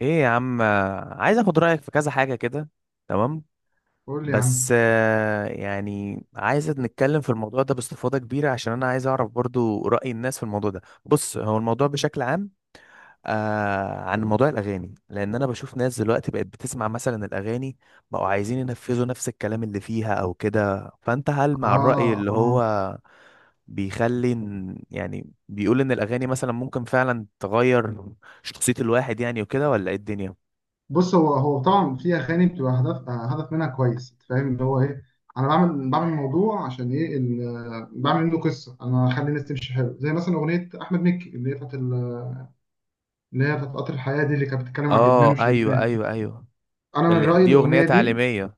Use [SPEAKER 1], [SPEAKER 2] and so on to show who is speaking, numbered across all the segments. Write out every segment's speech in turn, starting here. [SPEAKER 1] ايه يا عم عايز اخد رايك في كذا حاجه كده. تمام.
[SPEAKER 2] قول لي يا عم.
[SPEAKER 1] بس يعني عايز نتكلم في الموضوع ده باستفاضه كبيره عشان انا عايز اعرف برضو راي الناس في الموضوع ده. بص هو الموضوع بشكل عام آه عن موضوع الاغاني، لان انا بشوف ناس دلوقتي بقت بتسمع مثلا الاغاني، بقوا عايزين ينفذوا نفس الكلام اللي فيها او كده. فانت هل مع الراي
[SPEAKER 2] اه،
[SPEAKER 1] اللي هو
[SPEAKER 2] اه.
[SPEAKER 1] يعني بيقول ان الاغاني مثلا ممكن فعلا تغير شخصيه الواحد يعني وكده، ولا ايه الدنيا؟
[SPEAKER 2] بص، هو طبعا في اغاني بتبقى هدف، هدف منها كويس. أنت فاهم اللي هو ايه؟ انا بعمل موضوع عشان ايه، بعمل منه قصه. انا اخلي الناس تمشي حلو، زي مثلا اغنيه احمد مكي اللي هي بتاعت اللي هي بتاعت قطر الحياه دي، اللي كانت بتتكلم عن الادمان
[SPEAKER 1] اه
[SPEAKER 2] ومش
[SPEAKER 1] ايوه
[SPEAKER 2] الادمان.
[SPEAKER 1] ايوه ايوه.
[SPEAKER 2] انا من رايي
[SPEAKER 1] دي اغنيه
[SPEAKER 2] الاغنيه دي،
[SPEAKER 1] تعليميه.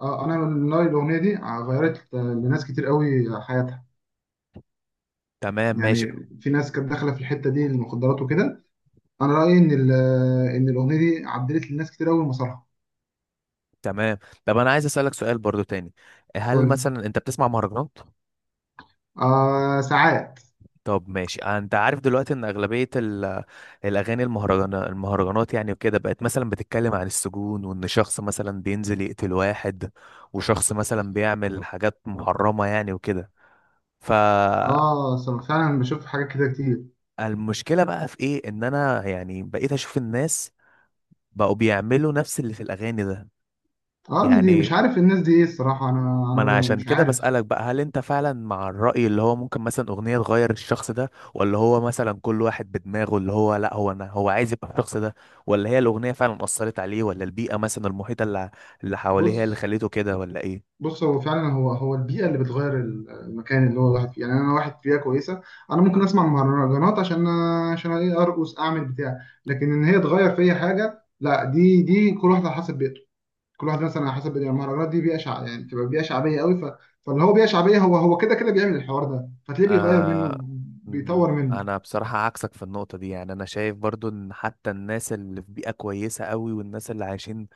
[SPEAKER 2] اه، انا من رايي الاغنيه دي غيرت لناس كتير قوي حياتها،
[SPEAKER 1] تمام ماشي.
[SPEAKER 2] يعني. في ناس كانت داخله في الحته دي، المخدرات وكده. انا رايي ان ان الاغنيه دي عدلت لناس كتير قوي مسارها.
[SPEAKER 1] تمام. طب انا عايز اسالك سؤال برضو تاني، هل
[SPEAKER 2] قول لي.
[SPEAKER 1] مثلا انت بتسمع مهرجانات؟
[SPEAKER 2] آه، ساعات.
[SPEAKER 1] طب ماشي، انت عارف دلوقتي ان اغلبيه الاغاني المهرجانات يعني وكده بقت مثلا بتتكلم عن السجون، وان شخص مثلا بينزل يقتل واحد، وشخص مثلا بيعمل حاجات محرمه يعني وكده. فالمشكله
[SPEAKER 2] اه، فعلا بشوف حاجات كده كتير.
[SPEAKER 1] بقى في ايه ان انا يعني بقيت اشوف الناس بقوا بيعملوا نفس اللي في الاغاني ده.
[SPEAKER 2] اه، دي
[SPEAKER 1] يعني
[SPEAKER 2] مش عارف الناس دي ايه الصراحة، انا
[SPEAKER 1] ما انا
[SPEAKER 2] انا
[SPEAKER 1] عشان
[SPEAKER 2] مش
[SPEAKER 1] كده
[SPEAKER 2] عارف.
[SPEAKER 1] بسألك بقى، هل انت فعلا مع الرأي اللي هو ممكن مثلا أغنية تغير الشخص ده، ولا هو مثلا كل واحد بدماغه اللي هو لا، هو انا هو عايز يبقى الشخص ده، ولا هي الأغنية فعلا أثرت عليه، ولا البيئة مثلا المحيطة اللي حواليه هي اللي
[SPEAKER 2] بص،
[SPEAKER 1] خليته كده ولا ايه؟
[SPEAKER 2] بص، هو فعلا هو البيئة اللي بتغير المكان اللي هو الواحد فيه. يعني انا واحد في بيئة كويسة، انا ممكن اسمع مهرجانات عشان ايه؟ ارقص اعمل بتاع. لكن ان هي تغير فيا حاجة، لا، دي كل واحد على حسب بيئته. كل واحد مثلا على حسب بيئته. يعني المهرجانات دي يعني بتبقى بيئة شعبية قوي. فاللي هو بيئة شعبية هو كده كده بيعمل الحوار ده، فتلاقيه بيغير
[SPEAKER 1] آه.
[SPEAKER 2] منه، بيطور منه.
[SPEAKER 1] انا بصراحة عكسك في النقطة دي، يعني انا شايف برضو ان حتى الناس اللي في بيئة كويسة قوي والناس اللي عايشين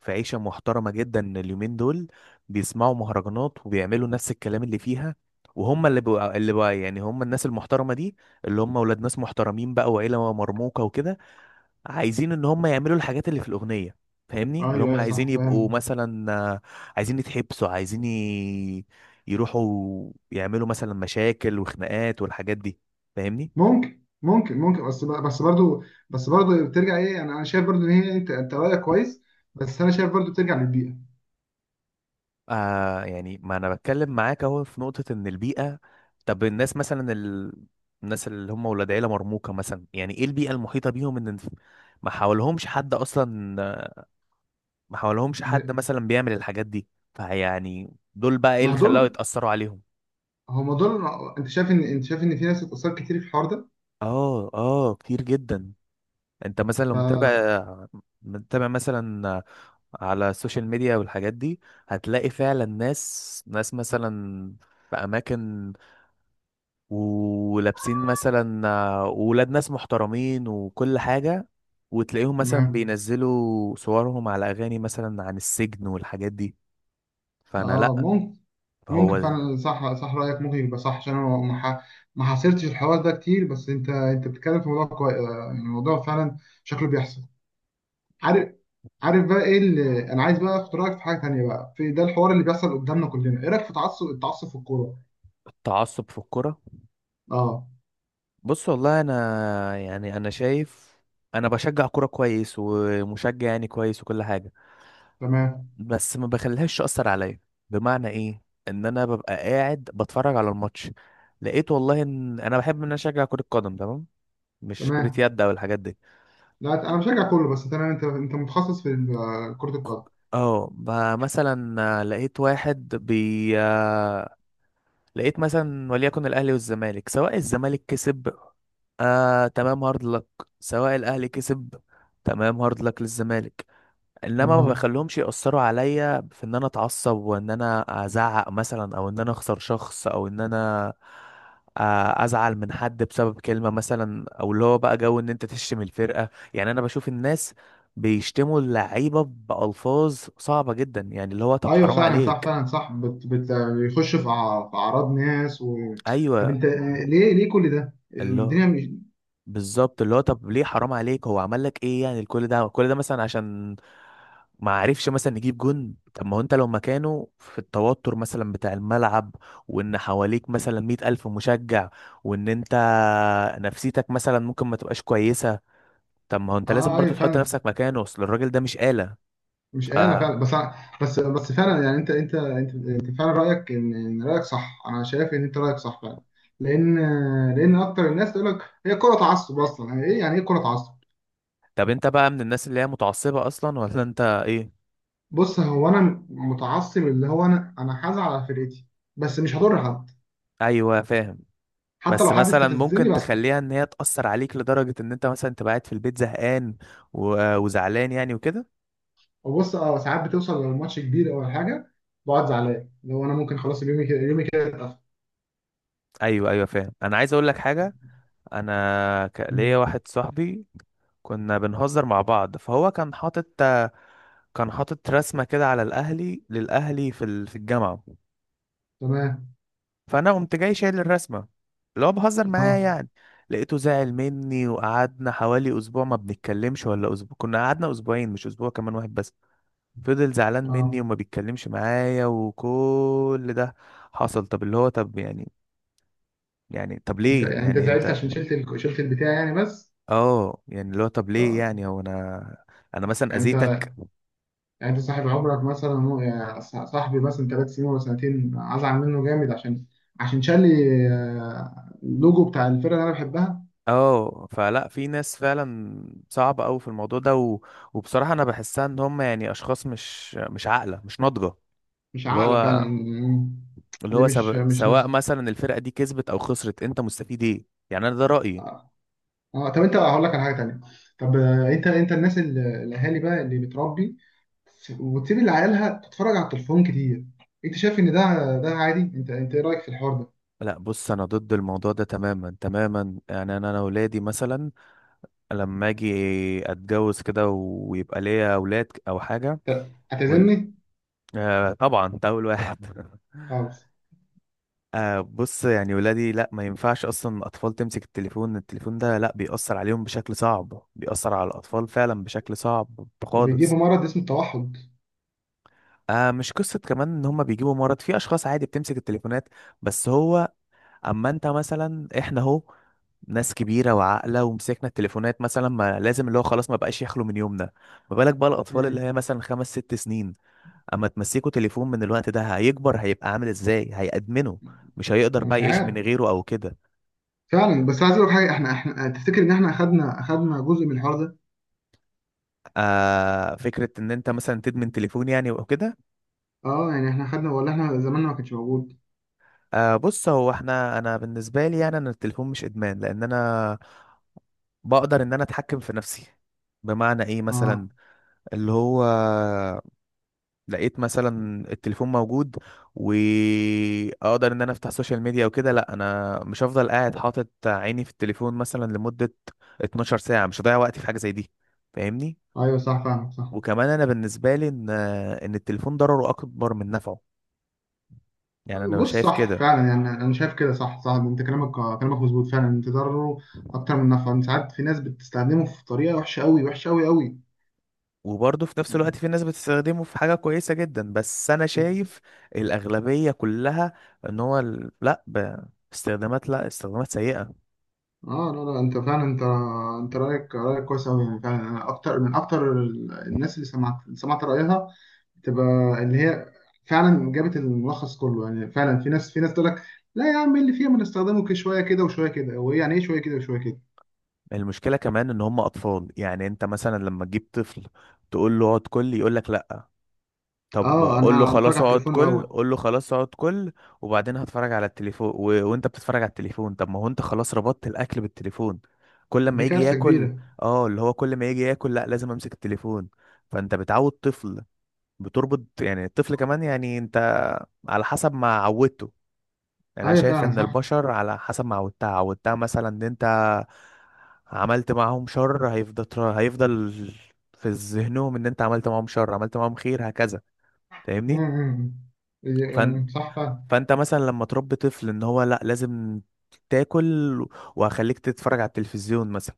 [SPEAKER 1] في عيشة محترمة جدا اليومين دول بيسمعوا مهرجانات وبيعملوا نفس الكلام اللي فيها. وهم اللي بقى يعني هم الناس المحترمة دي، اللي هم ولاد ناس محترمين بقى وعيلة مرموقة وكده، عايزين ان هم يعملوا الحاجات اللي في الاغنيه. فاهمني؟
[SPEAKER 2] ايوه،
[SPEAKER 1] اللي هم
[SPEAKER 2] ايوه،
[SPEAKER 1] عايزين
[SPEAKER 2] صح، فاهم.
[SPEAKER 1] يبقوا مثلا عايزين يتحبسوا، يروحوا يعملوا مثلا مشاكل وخناقات والحاجات دي. فاهمني؟
[SPEAKER 2] ممكن، بس برضو. بس برضو بترجع ايه، انا شايف برضو ان هي، انت رايك كويس، بس انا شايف برضو بترجع للبيئه.
[SPEAKER 1] آه، يعني ما انا بتكلم معاك اهو في نقطه ان البيئه. طب الناس مثلا الناس اللي هم ولاد عيله مرموقه مثلا، يعني ايه البيئه المحيطه بيهم؟ ان ما حاولهمش حد اصلا، ما حاولهمش حد مثلا بيعمل الحاجات دي. فيعني دول بقى ايه
[SPEAKER 2] ما
[SPEAKER 1] اللي
[SPEAKER 2] هو
[SPEAKER 1] خلاهم
[SPEAKER 2] دول
[SPEAKER 1] يتاثروا عليهم؟
[SPEAKER 2] هو ما دول انت شايف ان في ناس اتاثرت كتير في الحوار ده.
[SPEAKER 1] اه اه كتير جدا. انت مثلا لو متابع،
[SPEAKER 2] ف
[SPEAKER 1] متابع مثلا على السوشيال ميديا والحاجات دي، هتلاقي فعلا ناس مثلا في اماكن ولابسين مثلا ولاد ناس محترمين وكل حاجة، وتلاقيهم مثلا
[SPEAKER 2] تمام.
[SPEAKER 1] بينزلوا صورهم على اغاني مثلا عن السجن والحاجات دي. فانا
[SPEAKER 2] اه،
[SPEAKER 1] لا.
[SPEAKER 2] ممكن
[SPEAKER 1] هو
[SPEAKER 2] ممكن فعلا صح. صح، رايك ممكن يبقى صح، عشان انا ما حاصرتش الحوار ده كتير. بس انت بتتكلم في موضوع كويس، يعني الموضوع فعلا شكله بيحصل. عارف؟ بقى ايه اللي انا عايز بقى اخد رايك في حاجه تانية بقى؟ في ده الحوار اللي بيحصل قدامنا كلنا، ايه رايك في التعصب في الكوره؟
[SPEAKER 1] التعصب في الكرة.
[SPEAKER 2] اه.
[SPEAKER 1] بص والله انا يعني انا شايف انا بشجع كوره كويس ومشجع يعني كويس وكل حاجه،
[SPEAKER 2] تمام،
[SPEAKER 1] بس ما بخليهاش تاثر عليا. بمعنى ايه؟ ان انا ببقى قاعد بتفرج على الماتش، لقيت والله ان انا بحب ان انا اشجع كره قدم، تمام؟ مش كره
[SPEAKER 2] تمام.
[SPEAKER 1] يد او الحاجات دي.
[SPEAKER 2] لا، انا بشجع كله، بس تمام. انت متخصص في كره القدم.
[SPEAKER 1] اه مثلا لقيت واحد بي لقيت مثلا وليكن الاهلي والزمالك، سواء الزمالك كسب، آه تمام هارد لك، سواء الاهلي كسب، تمام هارد لك للزمالك. انما ما
[SPEAKER 2] اه،
[SPEAKER 1] بخليهمش يأثروا عليا في ان انا اتعصب، وان انا ازعق مثلا، او ان انا اخسر شخص، او ان انا ازعل من حد بسبب كلمة مثلا، او اللي هو بقى جو ان انت تشتم الفرقة. يعني انا بشوف الناس بيشتموا اللعيبة بألفاظ صعبة جدا، يعني اللي هو طب
[SPEAKER 2] ايوه
[SPEAKER 1] حرام
[SPEAKER 2] فعلا صح،
[SPEAKER 1] عليك.
[SPEAKER 2] فعلا صح. بيخش في في اعراض ناس طب
[SPEAKER 1] ايوه
[SPEAKER 2] انت، ليه؟ كل ده؟
[SPEAKER 1] اللي هو
[SPEAKER 2] الدنيا مش.
[SPEAKER 1] بالظبط، اللي هو طب ليه حرام عليك؟ هو عمل لك ايه يعني؟ الكل ده كل ده مثلا عشان ما عرفش مثلا يجيب جون؟ طب ما هو انت لو مكانه في التوتر مثلا بتاع الملعب، وان حواليك مثلا مئة ألف مشجع، وان انت نفسيتك مثلا ممكن ما تبقاش كويسة. طب ما هو انت لازم
[SPEAKER 2] اه، ايوه
[SPEAKER 1] برضو تحط
[SPEAKER 2] فعلا.
[SPEAKER 1] نفسك مكانه، اصل الراجل ده مش آلة.
[SPEAKER 2] مش
[SPEAKER 1] ف
[SPEAKER 2] انا فعلا، بس أنا، بس فعلا. يعني انت فعلا رايك، إن رايك صح، انا شايف ان انت رايك صح فعلا. لان لان اكتر الناس تقول لك هي كره تعصب اصلا. يعني ايه؟ يعني ايه كره تعصب؟
[SPEAKER 1] طب انت بقى من الناس اللي هي متعصبة اصلا ولا انت ايه؟
[SPEAKER 2] بص، هو انا متعصب اللي هو، انا هزعل على فرقتي، بس مش هضر حد.
[SPEAKER 1] ايوه فاهم.
[SPEAKER 2] حتى
[SPEAKER 1] بس
[SPEAKER 2] لو حد
[SPEAKER 1] مثلا
[SPEAKER 2] استفزني
[SPEAKER 1] ممكن
[SPEAKER 2] بسكت.
[SPEAKER 1] تخليها ان هي تأثر عليك لدرجة ان انت مثلا تبقى قاعد في البيت زهقان وزعلان يعني وكده.
[SPEAKER 2] وبص، اه، ساعات بتوصل لو الماتش كبير او حاجه، بقعد زعلان. اللي هو انا ممكن خلاص اليوم كده، اليوم كده اتقفل.
[SPEAKER 1] ايوه ايوه فاهم. انا عايز اقول لك حاجة، انا ليا
[SPEAKER 2] مم.
[SPEAKER 1] واحد صاحبي كنا بنهزر مع بعض، فهو كان حاطط، كان حاطط رسمة كده على الاهلي للاهلي في في الجامعة.
[SPEAKER 2] تمام.
[SPEAKER 1] فانا قمت جاي شايل الرسمة، اللي هو بهزر معاه
[SPEAKER 2] اه،
[SPEAKER 1] يعني. لقيته زعل مني وقعدنا حوالي اسبوع ما بنتكلمش، ولا اسبوع، كنا قعدنا اسبوعين مش اسبوع، كمان واحد بس. فضل زعلان مني
[SPEAKER 2] اه.
[SPEAKER 1] وما بيتكلمش معايا وكل ده حصل. طب اللي هو طب يعني، يعني طب
[SPEAKER 2] انت
[SPEAKER 1] ليه
[SPEAKER 2] يعني
[SPEAKER 1] يعني
[SPEAKER 2] زعلت
[SPEAKER 1] انت؟
[SPEAKER 2] عشان شلت شلت البتاع يعني، بس.
[SPEAKER 1] اه يعني اللي هو طب ليه
[SPEAKER 2] آه.
[SPEAKER 1] يعني؟ هو انا انا مثلا
[SPEAKER 2] انت،
[SPEAKER 1] اذيتك؟
[SPEAKER 2] يعني انت صاحب عمرك مثلا، يعني صاحبي مثلا 3 سنين ولا سنتين، ازعل منه جامد عشان، شال لي اللوجو بتاع الفرقه اللي انا بحبها.
[SPEAKER 1] اه. فلا في ناس فعلا صعبة قوي في الموضوع ده وبصراحة انا بحسها ان هم يعني اشخاص مش عاقلة مش ناضجة.
[SPEAKER 2] مش
[SPEAKER 1] اللي
[SPEAKER 2] عاقله
[SPEAKER 1] هو
[SPEAKER 2] فعلا.
[SPEAKER 1] اللي
[SPEAKER 2] دي
[SPEAKER 1] هو
[SPEAKER 2] مش مش ناس.
[SPEAKER 1] سواء مثلا الفرقة دي كسبت او خسرت، انت مستفيد ايه؟ يعني انا ده رأيي.
[SPEAKER 2] اه، طب انت، هقول لك على حاجه تانيه. طب، انت، الناس، الاهالي بقى اللي بتربي وتسيب اللي عيالها تتفرج على التليفون كتير، انت شايف ان ده عادي؟ انت ايه رايك في الحوار ده؟
[SPEAKER 1] لا بص انا ضد الموضوع ده تماما تماما. يعني انا ولادي مثلا لما اجي اتجوز كده ويبقى ليا اولاد او حاجه
[SPEAKER 2] طب
[SPEAKER 1] وال...
[SPEAKER 2] هتعزمني؟
[SPEAKER 1] آه طبعا انت اول واحد.
[SPEAKER 2] خالص.
[SPEAKER 1] آه بص يعني ولادي لا، ما ينفعش اصلا الاطفال تمسك التليفون. التليفون ده لا بيأثر عليهم بشكل صعب، بيأثر على الاطفال فعلا بشكل صعب
[SPEAKER 2] بيجيبوا
[SPEAKER 1] خالص.
[SPEAKER 2] مرض اسمه التوحد.
[SPEAKER 1] آه مش قصة كمان ان هما بيجيبوا مرض، في اشخاص عادي بتمسك التليفونات، بس هو اما انت مثلا، احنا اهو ناس كبيرة وعاقلة ومسكنا التليفونات مثلا، ما لازم اللي هو خلاص ما بقاش يخلو من يومنا. ما بالك بقى الأطفال اللي
[SPEAKER 2] مم.
[SPEAKER 1] هي مثلا خمس ست سنين أما تمسكوا تليفون من الوقت ده؟ هيكبر هيبقى عامل ازاي؟ هيأدمنه، مش هيقدر
[SPEAKER 2] مش
[SPEAKER 1] بقى يعيش
[SPEAKER 2] عارف
[SPEAKER 1] من غيره أو كده.
[SPEAKER 2] فعلا. بس عايز اقول لك حاجه، احنا تفتكر ان احنا اخدنا جزء من الحوار ده؟
[SPEAKER 1] آه فكرة إن أنت مثلا تدمن تليفون يعني وكده.
[SPEAKER 2] اه، يعني احنا اخدنا ولا احنا زماننا ما كانش موجود؟
[SPEAKER 1] آه بص هو احنا، أنا بالنسبة لي يعني أنا التليفون مش إدمان، لأن أنا بقدر إن أنا أتحكم في نفسي. بمعنى إيه
[SPEAKER 2] اه،
[SPEAKER 1] مثلا؟ اللي هو لقيت مثلا التليفون موجود واقدر ان انا افتح سوشيال ميديا وكده، لا انا مش هفضل قاعد حاطط عيني في التليفون مثلا لمدة 12 ساعة، مش هضيع وقتي في حاجة زي دي. فاهمني؟
[SPEAKER 2] ايوه صح فعلا، صح.
[SPEAKER 1] وكمان انا بالنسبة لي ان التليفون ضرره اكبر من نفعه، يعني انا
[SPEAKER 2] بص،
[SPEAKER 1] شايف
[SPEAKER 2] صح
[SPEAKER 1] كده.
[SPEAKER 2] فعلا. يعني انا شايف كده، صح، صح. انت كلامك، كلامك مظبوط فعلا. انت ضرره اكتر من نفعه. ساعات في ناس بتستخدمه في طريقه وحشه قوي، وحشه قوي قوي.
[SPEAKER 1] وبرضه في نفس الوقت في ناس بتستخدمه في حاجة كويسة جدا، بس انا شايف الأغلبية كلها ان هو ال- لا ب... استخدامات، لا استخدامات سيئة.
[SPEAKER 2] اه، لا، لا، انت فعلا. انت انت رايك كويس قوي، يعني فعلا. انا اكتر من اكتر الناس اللي سمعت رايها تبقى اللي هي فعلا جابت الملخص كله، يعني فعلا. في ناس تقول لك لا يا عم، إيه اللي فيها؟ ما نستخدمه كده شويه، كده وشويه كده. هو إيه يعني ايه شويه كده وشويه كده؟
[SPEAKER 1] المشكلة كمان ان هم اطفال، يعني انت مثلا لما تجيب طفل تقول له اقعد كل، يقول لك لا. طب
[SPEAKER 2] اه،
[SPEAKER 1] قول له
[SPEAKER 2] انا اتفرج
[SPEAKER 1] خلاص
[SPEAKER 2] على
[SPEAKER 1] اقعد
[SPEAKER 2] التليفون
[SPEAKER 1] كل،
[SPEAKER 2] الاول.
[SPEAKER 1] قول له خلاص اقعد كل وبعدين هتفرج على التليفون و... وانت بتتفرج على التليفون، طب ما هو انت خلاص ربطت الاكل بالتليفون. كل ما
[SPEAKER 2] دي
[SPEAKER 1] يجي
[SPEAKER 2] كارثه
[SPEAKER 1] ياكل،
[SPEAKER 2] كبيره.
[SPEAKER 1] اه اللي هو كل ما يجي ياكل لا لازم امسك التليفون. فانت بتعود طفل، بتربط يعني الطفل، كمان يعني انت على حسب ما عودته. يعني انا
[SPEAKER 2] ايوه
[SPEAKER 1] شايف
[SPEAKER 2] فعلا،
[SPEAKER 1] ان
[SPEAKER 2] صح.
[SPEAKER 1] البشر على حسب ما عودتها، عودتها مثلا ان انت عملت معاهم شر، هيفضل في ذهنهم ان انت عملت معاهم شر، عملت معاهم خير هكذا.
[SPEAKER 2] مم،
[SPEAKER 1] فاهمني؟
[SPEAKER 2] مم، مم. إيه،
[SPEAKER 1] فن...
[SPEAKER 2] صح فعلا.
[SPEAKER 1] فانت مثلا لما تربي طفل ان هو لا لازم تاكل، وهخليك تتفرج على التلفزيون مثلا.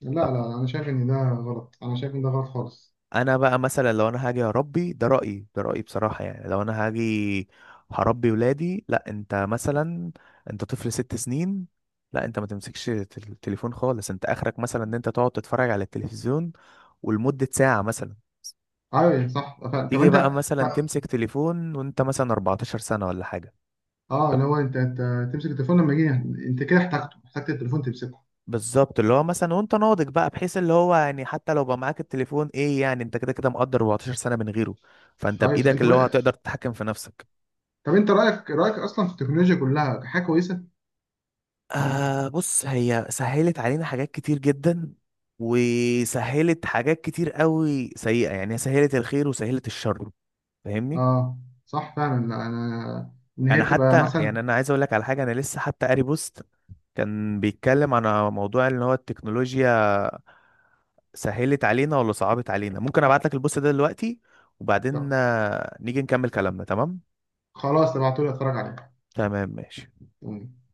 [SPEAKER 2] لا،
[SPEAKER 1] طب
[SPEAKER 2] لا، لا، انا شايف ان ده غلط، انا شايف ان ده غلط خالص.
[SPEAKER 1] انا بقى مثلا لو انا هاجي اربي، ده رايي ده رايي بصراحه. يعني لو انا هاجي هربي ولادي، لا، انت مثلا انت طفل ست سنين، لا انت ما تمسكش التليفون خالص. انت اخرك مثلا ان انت تقعد تتفرج على التلفزيون ولمده ساعه مثلا.
[SPEAKER 2] ايوه صح فعلا. طب
[SPEAKER 1] تيجي
[SPEAKER 2] انت،
[SPEAKER 1] بقى
[SPEAKER 2] ط-
[SPEAKER 1] مثلا تمسك تليفون وانت مثلا 14 سنه ولا حاجه.
[SPEAKER 2] اه، اللي هو انت تمسك التليفون لما يجي انت كده، احتاجت التليفون تمسكه.
[SPEAKER 1] بالظبط، اللي هو مثلا وانت ناضج بقى، بحيث اللي هو يعني حتى لو بقى معاك التليفون ايه يعني؟ انت كده كده مقدر 14 سنه من غيره، فانت
[SPEAKER 2] ايوه صح.
[SPEAKER 1] بايدك
[SPEAKER 2] انت
[SPEAKER 1] اللي هو
[SPEAKER 2] بقى،
[SPEAKER 1] هتقدر تتحكم في نفسك.
[SPEAKER 2] طب انت رايك اصلا في التكنولوجيا، كلها حاجه كويسه؟
[SPEAKER 1] آه بص هي سهلت علينا حاجات كتير جدا، وسهلت حاجات كتير قوي سيئة. يعني هي سهلت الخير وسهلت الشر. فاهمني؟
[SPEAKER 2] اه، صح فعلا. لا انا، ان هي
[SPEAKER 1] انا
[SPEAKER 2] بتبقى
[SPEAKER 1] حتى
[SPEAKER 2] مثلا.
[SPEAKER 1] يعني انا عايز اقول لك على حاجة، انا لسه حتى قاري بوست كان بيتكلم عن موضوع ان هو التكنولوجيا سهلت علينا ولا صعبت علينا. ممكن ابعت لك البوست ده دلوقتي، وبعدين
[SPEAKER 2] طب،
[SPEAKER 1] نيجي نكمل كلامنا، تمام؟
[SPEAKER 2] خلاص، ابعتولي اتفرج
[SPEAKER 1] تمام ماشي.
[SPEAKER 2] عليها.